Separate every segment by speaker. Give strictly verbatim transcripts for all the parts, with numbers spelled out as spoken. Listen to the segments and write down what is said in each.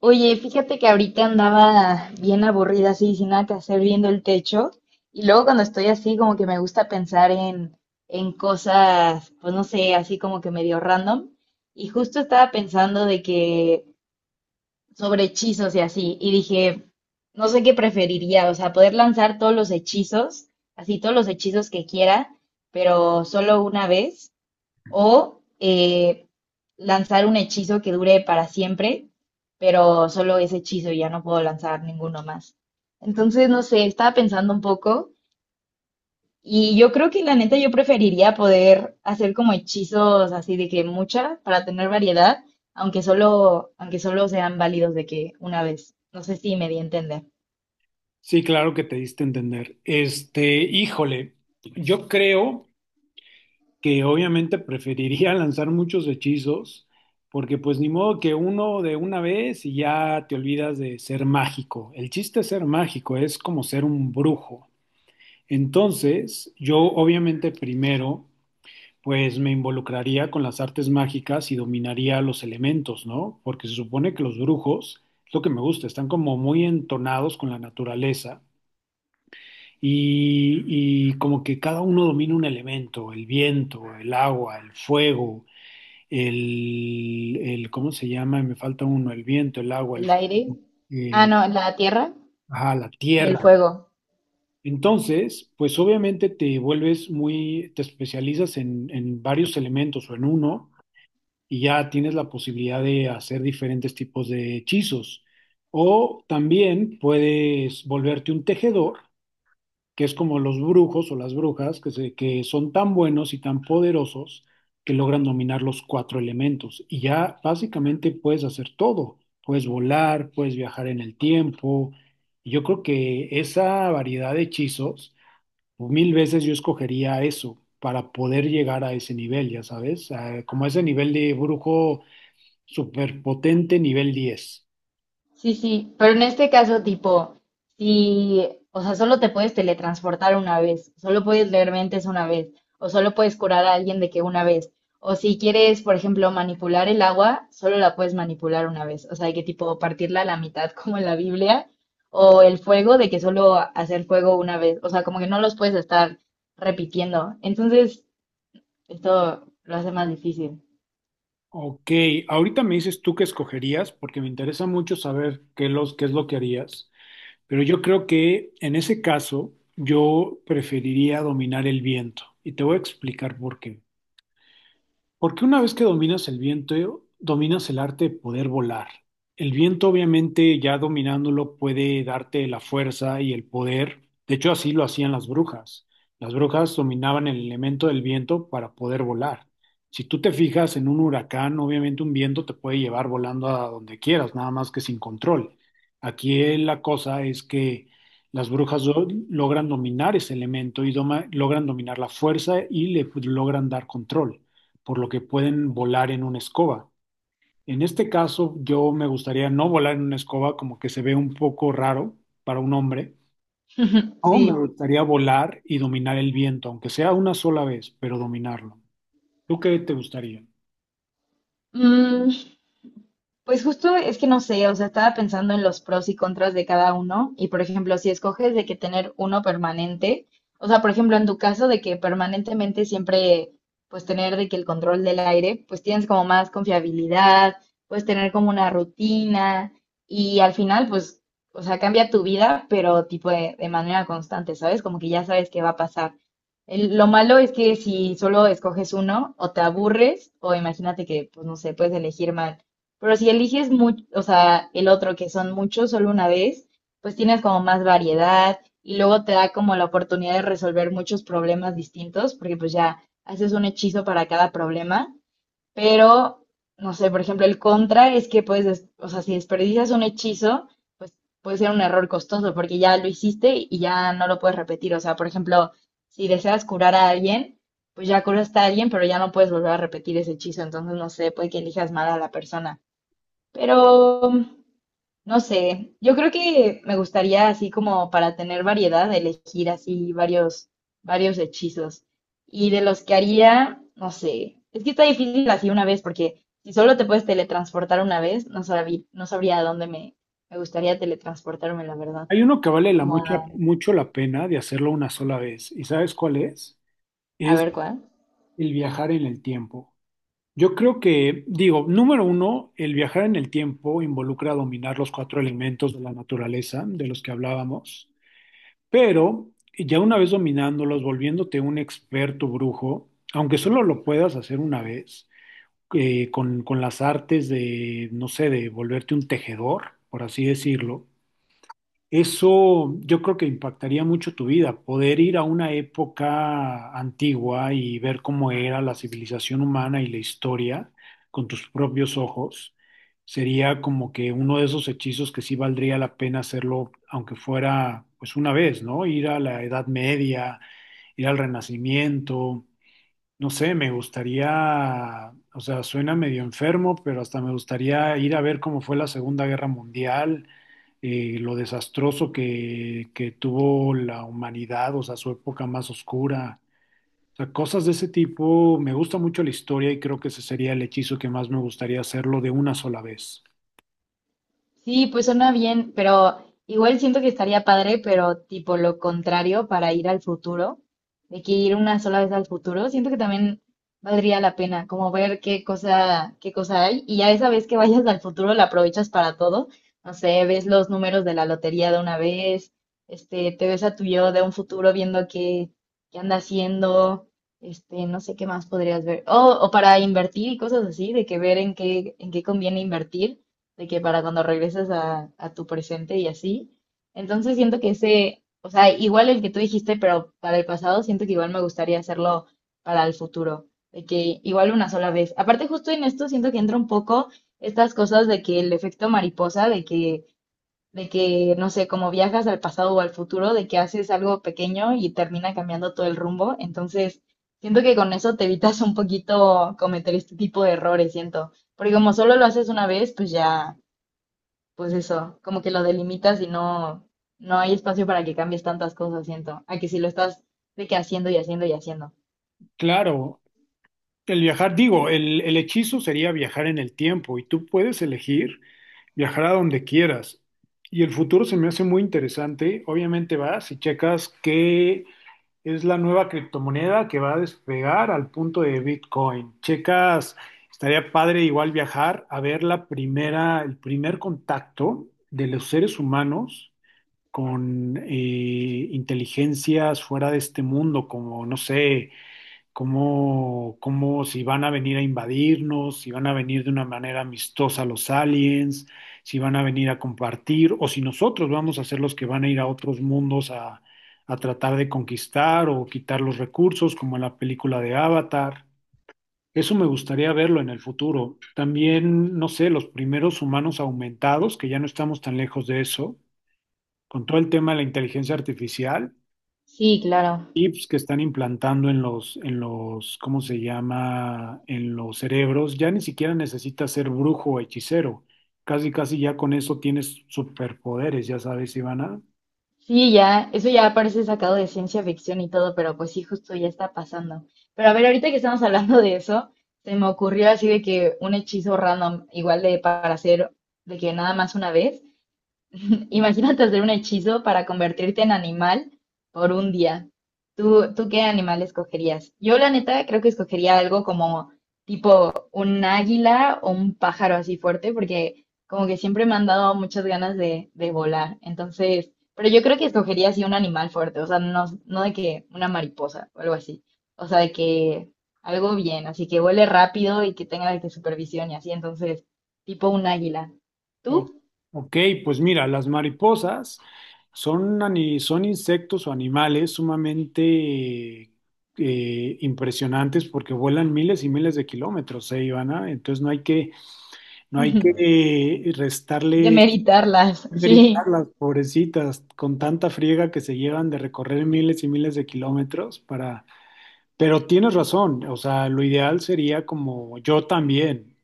Speaker 1: Oye, fíjate que ahorita andaba bien aburrida, así, sin nada que hacer, viendo el techo. Y luego cuando estoy así, como que me gusta pensar en, en cosas, pues no sé, así como que medio random. Y justo estaba pensando de que sobre hechizos y así. Y dije, no sé qué preferiría, o sea, poder lanzar todos los hechizos, así todos los hechizos que quiera, pero solo una vez. O eh, lanzar un hechizo que dure para siempre, pero solo ese hechizo y ya no puedo lanzar ninguno más. Entonces, no sé, estaba pensando un poco y yo creo que la neta yo preferiría poder hacer como hechizos así de que mucha para tener variedad, aunque solo, aunque solo sean válidos de que una vez. No sé si me di a entender.
Speaker 2: Sí, claro que te diste a entender. Este, híjole, yo creo que obviamente preferiría lanzar muchos hechizos, porque pues ni modo que uno de una vez y ya te olvidas de ser mágico. El chiste es ser mágico, es como ser un brujo. Entonces, yo obviamente primero, pues me involucraría con las artes mágicas y dominaría los elementos, ¿no? Porque se supone que los brujos, es lo que me gusta, están como muy entonados con la naturaleza. y, y como que cada uno domina un elemento, el viento, el agua, el fuego, el, el ¿cómo se llama? Me falta uno, el viento, el agua, el,
Speaker 1: El aire, ah,
Speaker 2: eh,
Speaker 1: no, la tierra
Speaker 2: ajá, la
Speaker 1: y el
Speaker 2: tierra.
Speaker 1: fuego.
Speaker 2: Entonces, pues obviamente te vuelves muy, te especializas en, en varios elementos o en uno y ya tienes la posibilidad de hacer diferentes tipos de hechizos. O también puedes volverte un tejedor que es como los brujos o las brujas, que, se- que son tan buenos y tan poderosos que logran dominar los cuatro elementos. Y ya básicamente puedes hacer todo. Puedes volar, puedes viajar en el tiempo. Y yo creo que esa variedad de hechizos, mil veces yo escogería eso para poder llegar a ese nivel, ya sabes, a- como ese nivel de brujo superpotente, nivel diez.
Speaker 1: Sí, sí, pero en este caso, tipo, si, o sea, solo te puedes teletransportar una vez, solo puedes leer mentes una vez, o solo puedes curar a alguien de que una vez, o si quieres, por ejemplo, manipular el agua, solo la puedes manipular una vez, o sea, de que tipo partirla a la mitad como en la Biblia, o el fuego, de que solo hacer fuego una vez, o sea, como que no los puedes estar repitiendo. Entonces, esto lo hace más difícil.
Speaker 2: Ok, ahorita me dices tú qué escogerías, porque me interesa mucho saber qué, los, qué es lo que harías. Pero yo creo que en ese caso yo preferiría dominar el viento y te voy a explicar por qué. Porque una vez que dominas el viento, dominas el arte de poder volar. El viento, obviamente, ya dominándolo, puede darte la fuerza y el poder. De hecho, así lo hacían las brujas. Las brujas dominaban el elemento del viento para poder volar. Si tú te fijas en un huracán, obviamente un viento te puede llevar volando a donde quieras, nada más que sin control. Aquí eh, la cosa es que las brujas do- logran dominar ese elemento y doma- logran dominar la fuerza y le logran dar control por lo que pueden volar en una escoba. En este caso, yo me gustaría no volar en una escoba, como que se ve un poco raro para un hombre, o me
Speaker 1: Sí.
Speaker 2: gustaría volar y dominar el viento, aunque sea una sola vez, pero dominarlo. ¿Tú qué te gustaría?
Speaker 1: Mm, Pues justo es que no sé, o sea, estaba pensando en los pros y contras de cada uno y por ejemplo, si escoges de que tener uno permanente, o sea, por ejemplo, en tu caso de que permanentemente siempre pues tener de que el control del aire, pues tienes como más confiabilidad, puedes tener como una rutina y al final pues, o sea, cambia tu vida, pero tipo de, de manera constante, ¿sabes? Como que ya sabes qué va a pasar. El- lo malo es que si solo escoges uno, o te aburres, o imagínate que, pues no sé, puedes elegir más, pero si eliges mucho, o sea, el otro que son muchos solo una vez, pues tienes como más variedad y luego te da como la oportunidad de resolver muchos problemas distintos, porque pues ya haces un hechizo para cada problema, pero no sé, por ejemplo, el contra es que puedes, des- o sea, si desperdicias un hechizo, pues puede ser un error costoso porque ya lo hiciste y ya no lo puedes repetir. O sea, por ejemplo, si deseas curar a alguien, pues ya curaste a alguien, pero ya no puedes volver a repetir ese hechizo. Entonces, no sé, puede que elijas mal a la persona. Pero, no sé, yo creo que me gustaría así como para tener variedad, elegir así varios, varios hechizos. Y de los que haría, no sé, es que está difícil así una vez, porque si solo te puedes teletransportar una vez, no sabría, no sabría a dónde me, me gustaría teletransportarme, la verdad.
Speaker 2: Hay uno que vale la
Speaker 1: Como
Speaker 2: mucha,
Speaker 1: a,
Speaker 2: mucho la pena de hacerlo una sola vez. ¿Y sabes cuál es?
Speaker 1: a
Speaker 2: Es
Speaker 1: ver cuál.
Speaker 2: el viajar en el tiempo. Yo creo que, digo, número uno, el viajar en el tiempo involucra dominar los cuatro elementos de la naturaleza de los que hablábamos. Pero ya una vez dominándolos, volviéndote un experto brujo, aunque solo lo puedas hacer una vez, eh, con, con las artes de, no sé, de volverte un tejedor, por así decirlo, eso yo creo que impactaría mucho tu vida, poder ir a una época antigua y ver cómo era la civilización humana y la historia con tus propios ojos. Sería como que uno de esos hechizos que sí valdría la pena hacerlo, aunque fuera pues una vez, ¿no? Ir a la Edad Media, ir al Renacimiento. No sé, me gustaría, o sea, suena medio enfermo, pero hasta me gustaría ir a ver cómo fue la Segunda Guerra Mundial, eh, lo desastroso que, que tuvo la humanidad, o sea, su época más oscura. O sea, cosas de ese tipo. Me gusta mucho la historia y creo que ese sería el hechizo que más me gustaría hacerlo de una sola vez.
Speaker 1: Sí, pues suena bien, pero igual siento que estaría padre, pero tipo lo contrario para ir al futuro, de que ir una sola vez al futuro, siento que también valdría la pena, como ver qué cosa, qué cosa hay, y ya esa vez que vayas al futuro la aprovechas para todo, no sé, ves los números de la lotería de una vez, este, te ves a tu yo de un futuro viendo qué, qué anda haciendo, este, no sé qué más podrías ver, o, o para invertir y cosas así, de que ver en qué, en qué conviene invertir de que para cuando regreses a, a tu presente y así. Entonces siento que ese, o sea, igual el que tú dijiste, pero para el pasado, siento que igual me gustaría hacerlo para el futuro, de que igual una sola vez. Aparte, justo en esto siento que entra un poco estas cosas de que el efecto mariposa, de que, de que, no sé, como viajas al pasado o al futuro, de que haces algo pequeño y termina cambiando todo el rumbo. Entonces, siento que con eso te evitas un poquito cometer este tipo de errores, siento. Porque como solo lo haces una vez, pues ya, pues eso, como que lo delimitas y no, no hay espacio para que cambies tantas cosas, siento, a que si lo estás de que haciendo y haciendo y haciendo.
Speaker 2: Claro, el viajar, digo, el, el hechizo sería viajar en el tiempo y tú puedes elegir viajar a donde quieras. Y el futuro se me hace muy interesante. Obviamente vas y checas qué es la nueva criptomoneda que va a despegar al punto de Bitcoin. Checas, estaría padre igual viajar a ver la primera, el primer contacto de los seres humanos con eh, inteligencias fuera de este mundo, como, no sé cómo, cómo si van a venir a invadirnos, si van a venir de una manera amistosa los aliens, si van a venir a compartir, o si nosotros vamos a ser los que van a ir a otros mundos a, a tratar de conquistar o quitar los recursos, como en la película de Avatar. Eso me gustaría verlo en el futuro. También, no sé, los primeros humanos aumentados, que ya no estamos tan lejos de eso, con todo el tema de la inteligencia artificial
Speaker 1: Sí, claro.
Speaker 2: chips que están implantando en los, en los, ¿cómo se llama? En los cerebros, ya ni siquiera necesitas ser brujo o hechicero. Casi, casi ya con eso tienes superpoderes, ya sabes, Ivana.
Speaker 1: Sí, ya, eso ya parece sacado de ciencia ficción y todo, pero pues sí, justo ya está pasando. Pero a ver, ahorita que estamos hablando de eso, se me ocurrió así de que un hechizo random, igual de para hacer de que nada más una vez, imagínate hacer un hechizo para convertirte en animal por un día. ¿Tú, tú qué animal escogerías? Yo, la neta, creo que escogería algo como tipo un águila o un pájaro así fuerte, porque como que siempre me han dado muchas ganas de, de volar. Entonces, pero yo creo que escogería así un animal fuerte, o sea, no, no de que una mariposa o algo así. O sea, de que algo bien, así que vuele rápido y que tenga de que supervisión y así. Entonces, tipo un águila.
Speaker 2: O-
Speaker 1: ¿Tú?
Speaker 2: ok, pues mira, las mariposas son, ani- son insectos o animales sumamente eh, impresionantes porque vuelan miles y miles de kilómetros, ¿eh, Ivana? Entonces no hay que, no hay que eh, restarle.
Speaker 1: Demeritarlas,
Speaker 2: Ver y
Speaker 1: sí,
Speaker 2: las pobrecitas, con tanta friega que se llevan de recorrer miles y miles de kilómetros para. Pero tienes razón, o sea, lo ideal sería como yo también,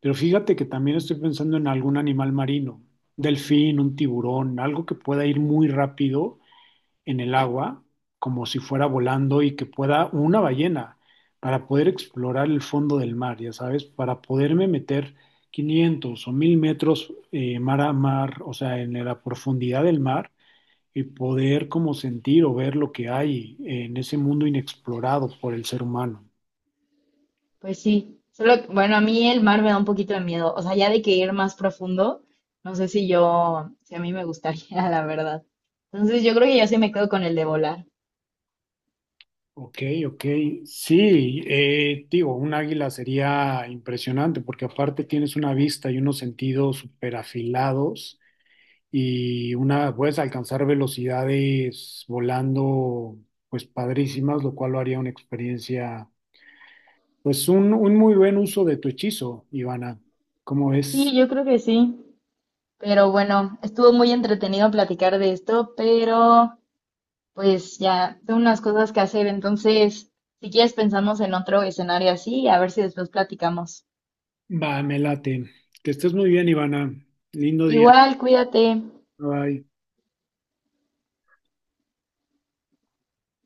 Speaker 2: pero fíjate que también estoy pensando en algún animal marino, delfín, un tiburón, algo que pueda ir muy rápido en el agua, como si fuera volando y que pueda una ballena, para poder explorar el fondo del mar, ya sabes, para poderme meter quinientos o mil metros eh, mar a mar, o sea, en la profundidad del mar y poder como sentir o ver lo que hay en ese mundo inexplorado por el ser humano.
Speaker 1: pues sí. Solo, que, bueno, a mí el mar me da un poquito de miedo. O sea, ya de que ir más profundo, no sé si yo, si a mí me gustaría, la verdad. Entonces, yo creo que yo sí me quedo con el de volar.
Speaker 2: Ok, ok. Sí, eh, digo, un águila sería impresionante porque aparte tienes una vista y unos sentidos súper afilados y una, puedes alcanzar velocidades volando, pues padrísimas, lo cual lo haría una experiencia, pues un, un muy buen uso de tu hechizo, Ivana. ¿Cómo ves?
Speaker 1: Sí, yo creo que sí. Pero bueno, estuvo muy entretenido platicar de esto, pero pues ya tengo unas cosas que hacer. Entonces, si quieres, pensamos en otro escenario así, a ver si después platicamos.
Speaker 2: Va, me late. Que estés muy bien, Ivana. Lindo día.
Speaker 1: Igual, cuídate.
Speaker 2: Bye.